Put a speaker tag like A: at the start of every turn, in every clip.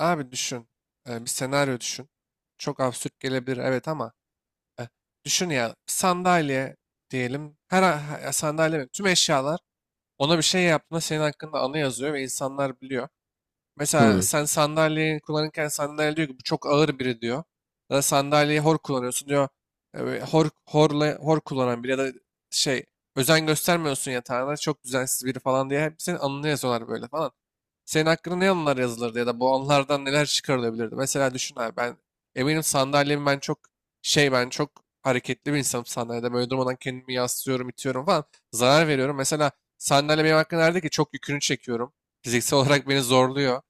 A: Abi düşün. Bir senaryo düşün. Çok absürt gelebilir, evet, ama e, düşün ya, sandalye diyelim. Sandalye mi? Tüm eşyalar ona bir şey yaptığında senin hakkında anı yazıyor ve insanlar biliyor.
B: Hı
A: Mesela
B: hı.
A: sen sandalyeyi kullanırken sandalye diyor ki bu çok ağır biri diyor. Ya da sandalyeyi hor kullanıyorsun diyor. Hor, horla, hor kullanan biri ya da şey özen göstermiyorsun, yatağına çok düzensiz biri falan diye hep senin anını yazıyorlar böyle falan. Senin hakkında ne anılar yazılırdı ya da bu anılardan neler çıkarılabilirdi? Mesela düşün abi, ben eminim sandalyemi ben çok hareketli bir insanım, sandalyede böyle durmadan kendimi yaslıyorum, itiyorum falan, zarar veriyorum. Mesela sandalye benim hakkında nerede ki çok yükünü çekiyorum. Fiziksel olarak beni zorluyor.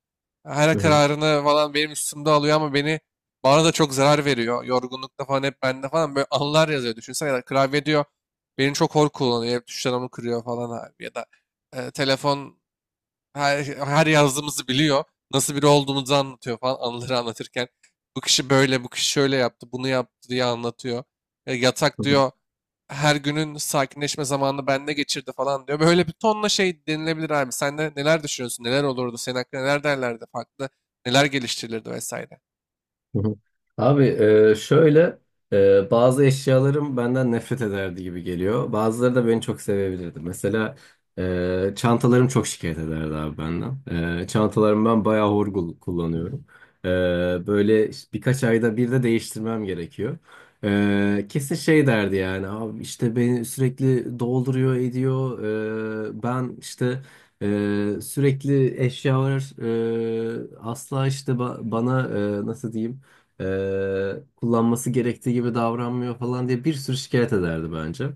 A: Her
B: Hı
A: kararını falan benim üstümde alıyor ama bana da çok zarar veriyor. Yorgunlukta falan hep bende falan böyle anılar yazıyor. Düşünsene, ya da klavye diyor. Beni çok hor kullanıyor. Hep tuşlarımı kırıyor falan abi. Ya da telefon her yazdığımızı biliyor. Nasıl biri olduğumuzu anlatıyor falan, anıları anlatırken. Bu kişi böyle, bu kişi şöyle yaptı, bunu yaptı diye anlatıyor. E, yatak
B: hı.
A: diyor her günün sakinleşme zamanını bende geçirdi falan diyor. Böyle bir tonla şey denilebilir abi. Sen de neler düşünüyorsun? Neler olurdu? Senin hakkında neler derlerdi? Farklı neler geliştirilirdi vesaire.
B: Hı hı. Abi şöyle bazı eşyalarım benden nefret ederdi gibi geliyor. Bazıları da beni çok sevebilirdi. Mesela çantalarım çok şikayet ederdi abi benden. Çantalarımı ben bayağı hor kullanıyorum. E, böyle işte birkaç ayda bir de değiştirmem gerekiyor. Kesin şey derdi yani abi işte beni sürekli dolduruyor ediyor. Ben işte sürekli eşyalar asla işte bana nasıl diyeyim kullanması gerektiği gibi davranmıyor falan diye bir sürü şikayet ederdi bence.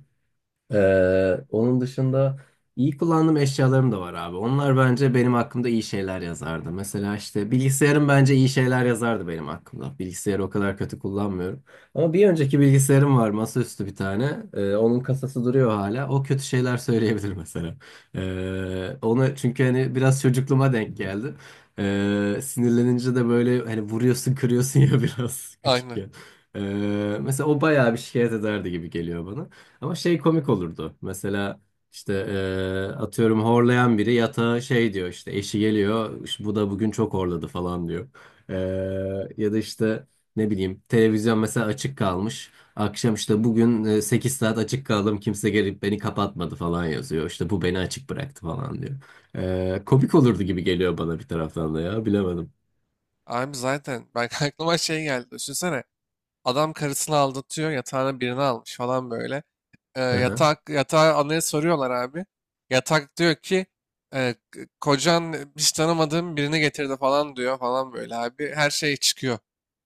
B: Onun dışında iyi kullandığım eşyalarım da var abi. Onlar bence benim hakkımda iyi şeyler yazardı. Mesela işte bilgisayarım bence iyi şeyler yazardı benim hakkımda. Bilgisayarı o kadar kötü kullanmıyorum. Ama bir önceki bilgisayarım var, masaüstü bir tane. Onun kasası duruyor hala. O kötü şeyler söyleyebilir mesela. Onu çünkü hani biraz çocukluğuma denk geldi. Sinirlenince de böyle hani vuruyorsun, kırıyorsun ya biraz
A: Aynen.
B: küçükken. Ee, mesela o bayağı bir şikayet ederdi gibi geliyor bana. Ama şey komik olurdu. Mesela işte atıyorum horlayan biri yatağa şey diyor işte eşi geliyor "İşte bu da bugün çok horladı falan diyor. Ya da işte ne bileyim televizyon mesela açık kalmış. Akşam işte bugün 8 saat açık kaldım kimse gelip beni kapatmadı falan yazıyor. İşte bu beni açık bıraktı falan diyor. Komik olurdu gibi geliyor bana bir taraftan da ya bilemedim.
A: Abi zaten ben aklıma şey geldi. Düşünsene adam karısını aldatıyor, yatağına birini almış falan böyle.
B: Aha,
A: Yatak yatağa anaya soruyorlar abi. Yatak diyor ki kocan hiç tanımadığım birini getirdi falan diyor falan böyle abi. Her şey çıkıyor.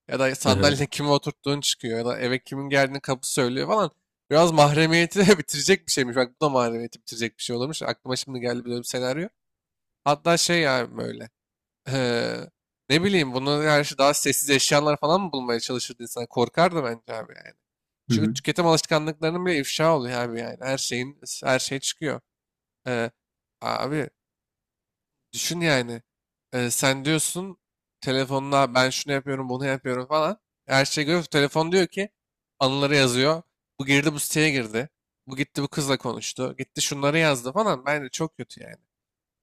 A: Ya da
B: aha.
A: sandalye kime oturttuğun çıkıyor. Ya da eve kimin geldiğini kapı söylüyor falan. Biraz mahremiyeti de bitirecek bir şeymiş. Bak, bu da mahremiyeti bitirecek bir şey olurmuş. Aklıma şimdi geldi böyle bir senaryo. Hatta şey yani böyle. Eee, Ne bileyim, buna karşı daha sessiz eşyalar falan mı bulmaya çalışırdı insan? Korkardı bence abi yani.
B: Hı
A: Çünkü
B: hı.
A: tüketim alışkanlıklarının bile ifşa oluyor abi yani. Her şey çıkıyor. Eee, Abi düşün yani. Sen diyorsun telefonla ben şunu yapıyorum, bunu yapıyorum falan. Her şey görüyor. Telefon diyor ki anıları yazıyor. Bu siteye girdi. Bu kızla konuştu. Gitti şunları yazdı falan. Bence çok kötü yani.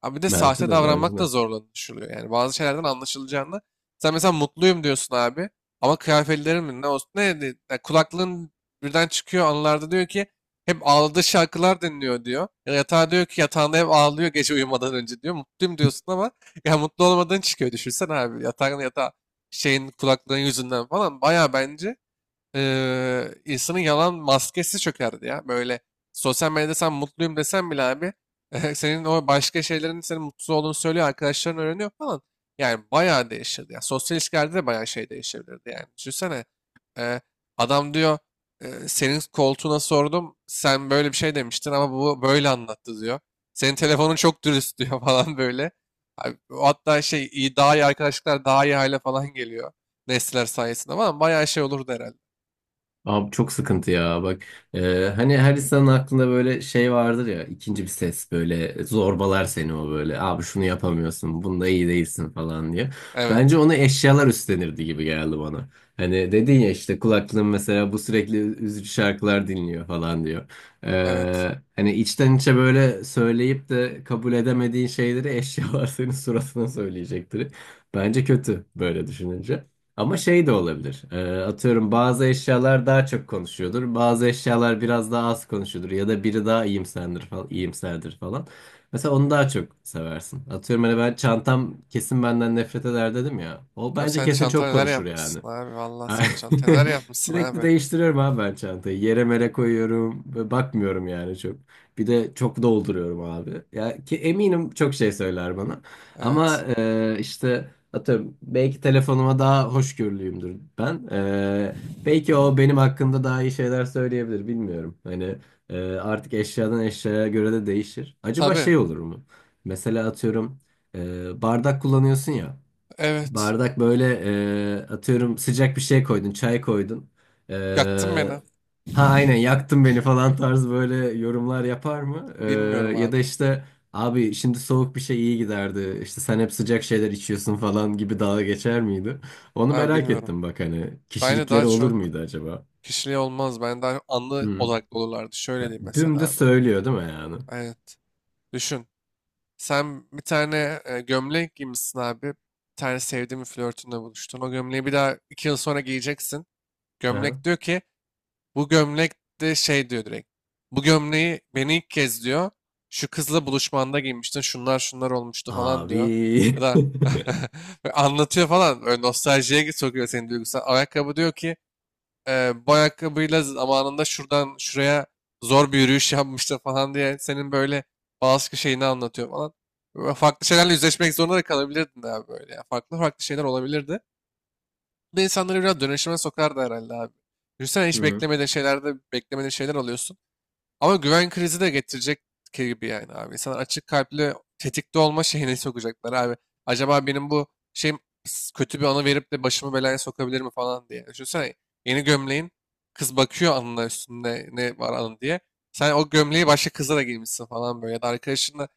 A: Abi bir de
B: Bence
A: sahte
B: de bence
A: davranmak da
B: de.
A: zorlanışılıyor. Yani bazı şeylerden anlaşılacağını. Sen mesela mutluyum diyorsun abi. Ama kıyafetlerin mi ne olsun ya kulaklığın birden çıkıyor anılarda, diyor ki hep ağladığı şarkılar dinliyor diyor. Ya yatağa diyor ki yatağında hep ağlıyor gece uyumadan önce diyor. Mutluyum diyorsun ama ya mutlu olmadığın çıkıyor düşünsen abi. Yatağın yatağı şeyin Kulaklığın yüzünden falan baya bence insanın yalan maskesi çökerdi ya. Böyle sosyal medyada sen mutluyum desen bile abi senin o başka şeylerin senin mutsuz olduğunu söylüyor. Arkadaşların öğreniyor falan. Yani bayağı değişirdi. Ya sosyal ilişkilerde de bayağı şey değişebilirdi yani. Düşünsene eee, adam diyor senin koltuğuna sordum, sen böyle bir şey demiştin ama bu böyle anlattı diyor. Senin telefonun çok dürüst diyor falan böyle. Abi, hatta şey daha iyi arkadaşlıklar, daha iyi hale falan geliyor. Nesler sayesinde falan bayağı şey olurdu herhalde.
B: Abi çok sıkıntı ya bak hani her insanın aklında böyle şey vardır ya ikinci bir ses böyle zorbalar seni o böyle abi şunu yapamıyorsun bunda iyi değilsin falan diye. Bence
A: Evet.
B: onu eşyalar üstlenirdi gibi geldi bana. Hani dedin ya işte kulaklığın mesela bu sürekli üzücü şarkılar dinliyor falan diyor.
A: Evet.
B: Hani içten içe böyle söyleyip de kabul edemediğin şeyleri eşyalar senin suratına söyleyecektir. Bence kötü böyle düşününce. Ama şey de olabilir. Atıyorum bazı eşyalar daha çok konuşuyordur. Bazı eşyalar biraz daha az konuşuyordur. Ya da biri daha iyimserdir falan, iyimserdir falan. Mesela onu daha çok seversin. Atıyorum hani ben çantam kesin benden nefret eder dedim ya. O
A: Abi
B: bence
A: sen
B: kesin
A: çanta
B: çok
A: neler
B: konuşur yani.
A: yapmışsın abi. Vallahi sen çanta neler yapmışsın
B: Sürekli
A: abi.
B: değiştiriyorum abi ben çantayı. Yere mere koyuyorum ve bakmıyorum yani çok. Bir de çok dolduruyorum abi. Ya ki eminim çok şey söyler bana. Ama
A: Evet.
B: işte atıyorum belki telefonuma daha hoşgörülüyümdür ben. Belki o benim hakkımda daha iyi şeyler söyleyebilir bilmiyorum. Hani artık eşyadan eşyaya göre de değişir. Acaba
A: Tabii.
B: şey olur mu? Mesela atıyorum bardak kullanıyorsun ya.
A: Evet.
B: Bardak böyle atıyorum sıcak bir şey koydun, çay koydun. E,
A: Yaktın beni.
B: ha aynen yaktın beni falan tarzı böyle yorumlar yapar mı? E,
A: Bilmiyorum
B: ya
A: abi.
B: da işte abi şimdi soğuk bir şey iyi giderdi. İşte sen hep sıcak şeyler içiyorsun falan gibi dalga geçer miydi? Onu
A: Abi
B: merak
A: bilmiyorum.
B: ettim bak hani
A: Bence daha
B: kişilikleri olur
A: çok
B: muydu acaba?
A: kişiliği olmaz. Ben daha anlı
B: Hı.
A: odaklı olurlardı. Şöyle
B: Ha,
A: diyeyim mesela
B: dümdüz
A: abi.
B: söylüyor değil mi yani?
A: Evet. Düşün. Sen bir tane gömlek giymişsin abi. Bir tane sevdiğin bir flörtünle buluştun. O gömleği bir daha 2 yıl sonra giyeceksin.
B: Aha.
A: Gömlek diyor ki bu gömlek de şey diyor direkt. Bu gömleği beni ilk kez diyor. Şu kızla buluşmanda giymiştin. Şunlar şunlar olmuştu falan diyor. Ya
B: Abi.
A: da böyle anlatıyor falan. Böyle nostaljiye sokuyor seni, duygusal. Ayakkabı diyor ki bu ayakkabıyla zamanında şuradan şuraya zor bir yürüyüş yapmıştı falan diye senin böyle bazı şeyini anlatıyor falan. Böyle farklı şeylerle yüzleşmek zorunda da kalabilirdin abi böyle. Ya. Farklı farklı şeyler olabilirdi. Bu da insanları biraz dönüşüme sokar da herhalde abi. Düşünsene
B: Hı
A: hiç
B: hı.
A: beklemediğin şeylerde beklemediğin şeyler alıyorsun. Ama güven krizi de getirecek gibi yani abi. İnsanlar açık kalpli, tetikte olma şeyine sokacaklar abi. Acaba benim bu şeyim kötü bir anı verip de başımı belaya sokabilir mi falan diye. Düşünsene yeni gömleğin, kız bakıyor, anına üstünde ne var anı diye. Sen o gömleği başka kıza da giymişsin falan böyle. Ya da arkadaşınla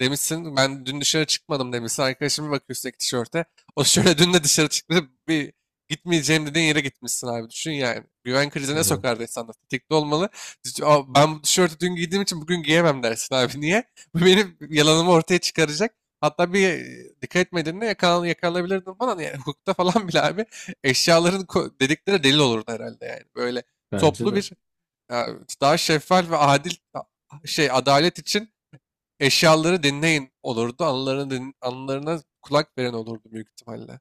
A: demişsin ben dün dışarı çıkmadım demişsin. Arkadaşın bir bakıyor üstteki tişörte. O şöyle dün de dışarı çıktı, bir gitmeyeceğim dediğin yere gitmişsin abi. Düşün yani. Güven
B: Hı
A: krizine
B: hı.
A: sokar insanlar. Tetikte olmalı. "Aa, ben bu tişörtü dün giydiğim için bugün giyemem" dersin abi. Niye? Bu benim yalanımı ortaya çıkaracak. Hatta bir dikkat etmediğinde yakalanabilirdin falan. Yani hukukta falan bile abi dedikleri delil olurdu herhalde yani. Böyle
B: Bence
A: toplu
B: de.
A: bir e, daha şeffaf ve adil adalet için eşyaları dinleyin olurdu. Anılarına kulak veren olurdu büyük ihtimalle.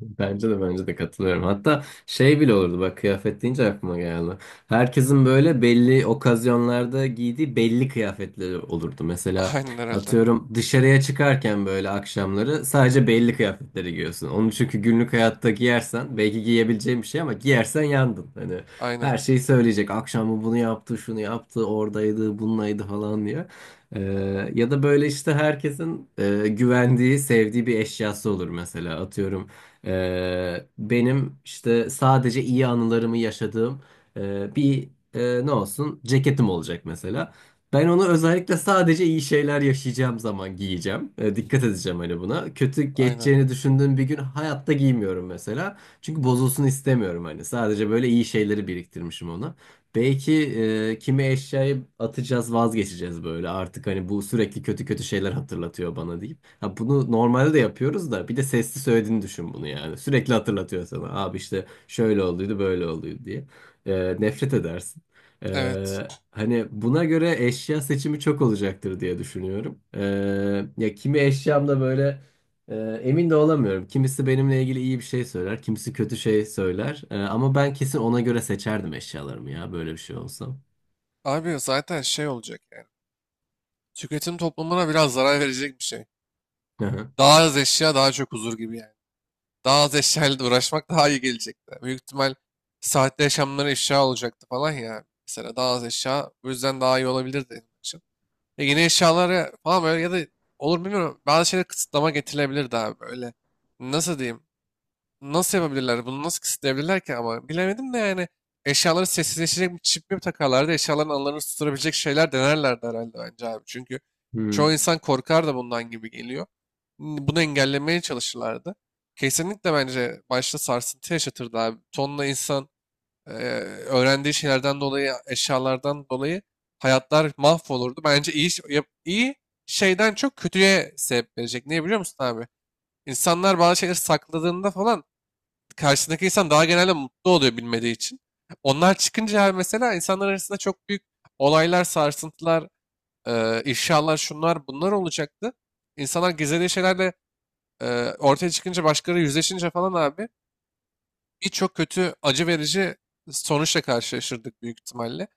B: Bence de bence de katılıyorum. Hatta şey bile olurdu bak kıyafet deyince aklıma geldi. Herkesin böyle belli okazyonlarda giydiği belli kıyafetleri olurdu. Mesela
A: Aynen herhalde.
B: atıyorum dışarıya çıkarken böyle akşamları sadece belli kıyafetleri giyiyorsun. Onu çünkü günlük hayatta giyersen belki giyebileceğin bir şey ama giyersen yandın. Hani
A: Aynen.
B: her şeyi söyleyecek. Akşam bu bunu yaptı, şunu yaptı, oradaydı, bununlaydı falan diye. Ee, ya da böyle işte herkesin güvendiği, sevdiği bir eşyası olur mesela. Atıyorum benim işte sadece iyi anılarımı yaşadığım bir ne olsun ceketim olacak mesela. Ben onu özellikle sadece iyi şeyler yaşayacağım zaman giyeceğim. Dikkat edeceğim hani buna. Kötü
A: Aynen.
B: geçeceğini düşündüğüm bir gün hayatta giymiyorum mesela. Çünkü bozulsun istemiyorum hani. Sadece böyle iyi şeyleri biriktirmişim ona. Belki kimi eşyayı atacağız, vazgeçeceğiz böyle artık hani bu sürekli kötü kötü şeyler hatırlatıyor bana deyip. Ha bunu normalde de yapıyoruz da bir de sesli söylediğini düşün bunu yani. Sürekli hatırlatıyor sana. Abi işte şöyle olduydu, böyle olduydu diye. Nefret edersin.
A: Evet.
B: Hani buna göre eşya seçimi çok olacaktır diye düşünüyorum. Ya kimi eşyamda böyle ee, emin de olamıyorum. Kimisi benimle ilgili iyi bir şey söyler, kimisi kötü şey söyler. Ama ben kesin ona göre seçerdim eşyalarımı ya böyle bir şey olsa.
A: Abi zaten şey olacak yani. Tüketim toplumuna biraz zarar verecek bir şey.
B: Hı hı.
A: Daha az eşya daha çok huzur gibi yani. Daha az eşyayla da uğraşmak daha iyi gelecekti. Büyük ihtimal saatte yaşamları eşya olacaktı falan ya. Mesela daha az eşya bu yüzden daha iyi olabilirdi benim için. E yeni eşyalara falan böyle, ya da olur bilmiyorum, bazı şeylere kısıtlama getirilebilirdi abi böyle. Nasıl diyeyim? Nasıl yapabilirler? Bunu nasıl kısıtlayabilirler ki ama bilemedim de yani eşyaları sessizleşecek bir çip mi takarlardı? Eşyaların anılarını tutturabilecek şeyler denerlerdi herhalde bence abi. Çünkü
B: Hı
A: çoğu insan korkar da bundan gibi geliyor. Bunu engellemeye çalışırlardı. Kesinlikle bence başta sarsıntı yaşatırdı abi. Tonla insan e, öğrendiği şeylerden dolayı, eşyalardan dolayı hayatlar mahvolurdu. Bence iyi, iyi şeyden çok kötüye sebep verecek. Niye biliyor musun abi? İnsanlar bazı şeyleri sakladığında falan karşısındaki insan daha genelde mutlu oluyor bilmediği için. Onlar çıkınca mesela insanlar arasında çok büyük olaylar, sarsıntılar, ifşalar, şunlar bunlar olacaktı. İnsanlar gizlediği şeylerle ortaya çıkınca, başkaları yüzleşince falan abi birçok kötü, acı verici sonuçla karşılaşırdık büyük ihtimalle.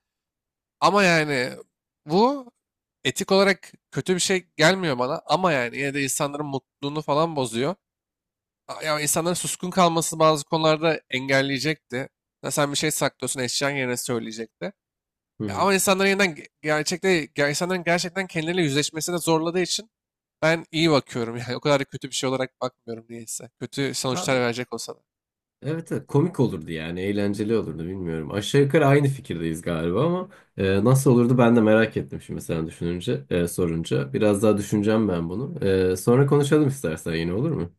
A: Ama yani bu etik olarak kötü bir şey gelmiyor bana ama yani yine de insanların mutluluğunu falan bozuyor. Ya insanların suskun kalması bazı konularda engelleyecekti. Ya sen bir şey saklıyorsun, eşyan yerine söyleyecekti. Ya
B: hı.
A: ama insanların yeniden ge- gerçekte ge- insanların gerçekten kendileriyle yüzleşmesine zorladığı için ben iyi bakıyorum. Yani o kadar da kötü bir şey olarak bakmıyorum niyeyse. Kötü sonuçlar
B: Abi,
A: verecek olsa da.
B: evet, evet komik olurdu yani eğlenceli olurdu bilmiyorum. Aşağı yukarı aynı fikirdeyiz galiba ama nasıl olurdu ben de merak ettim şimdi sen düşününce sorunca. Biraz daha düşüneceğim ben bunu. Sonra konuşalım istersen yine olur mu?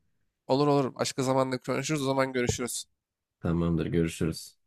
A: Olur olur. Başka zamanda konuşuruz. O zaman görüşürüz.
B: Tamamdır görüşürüz.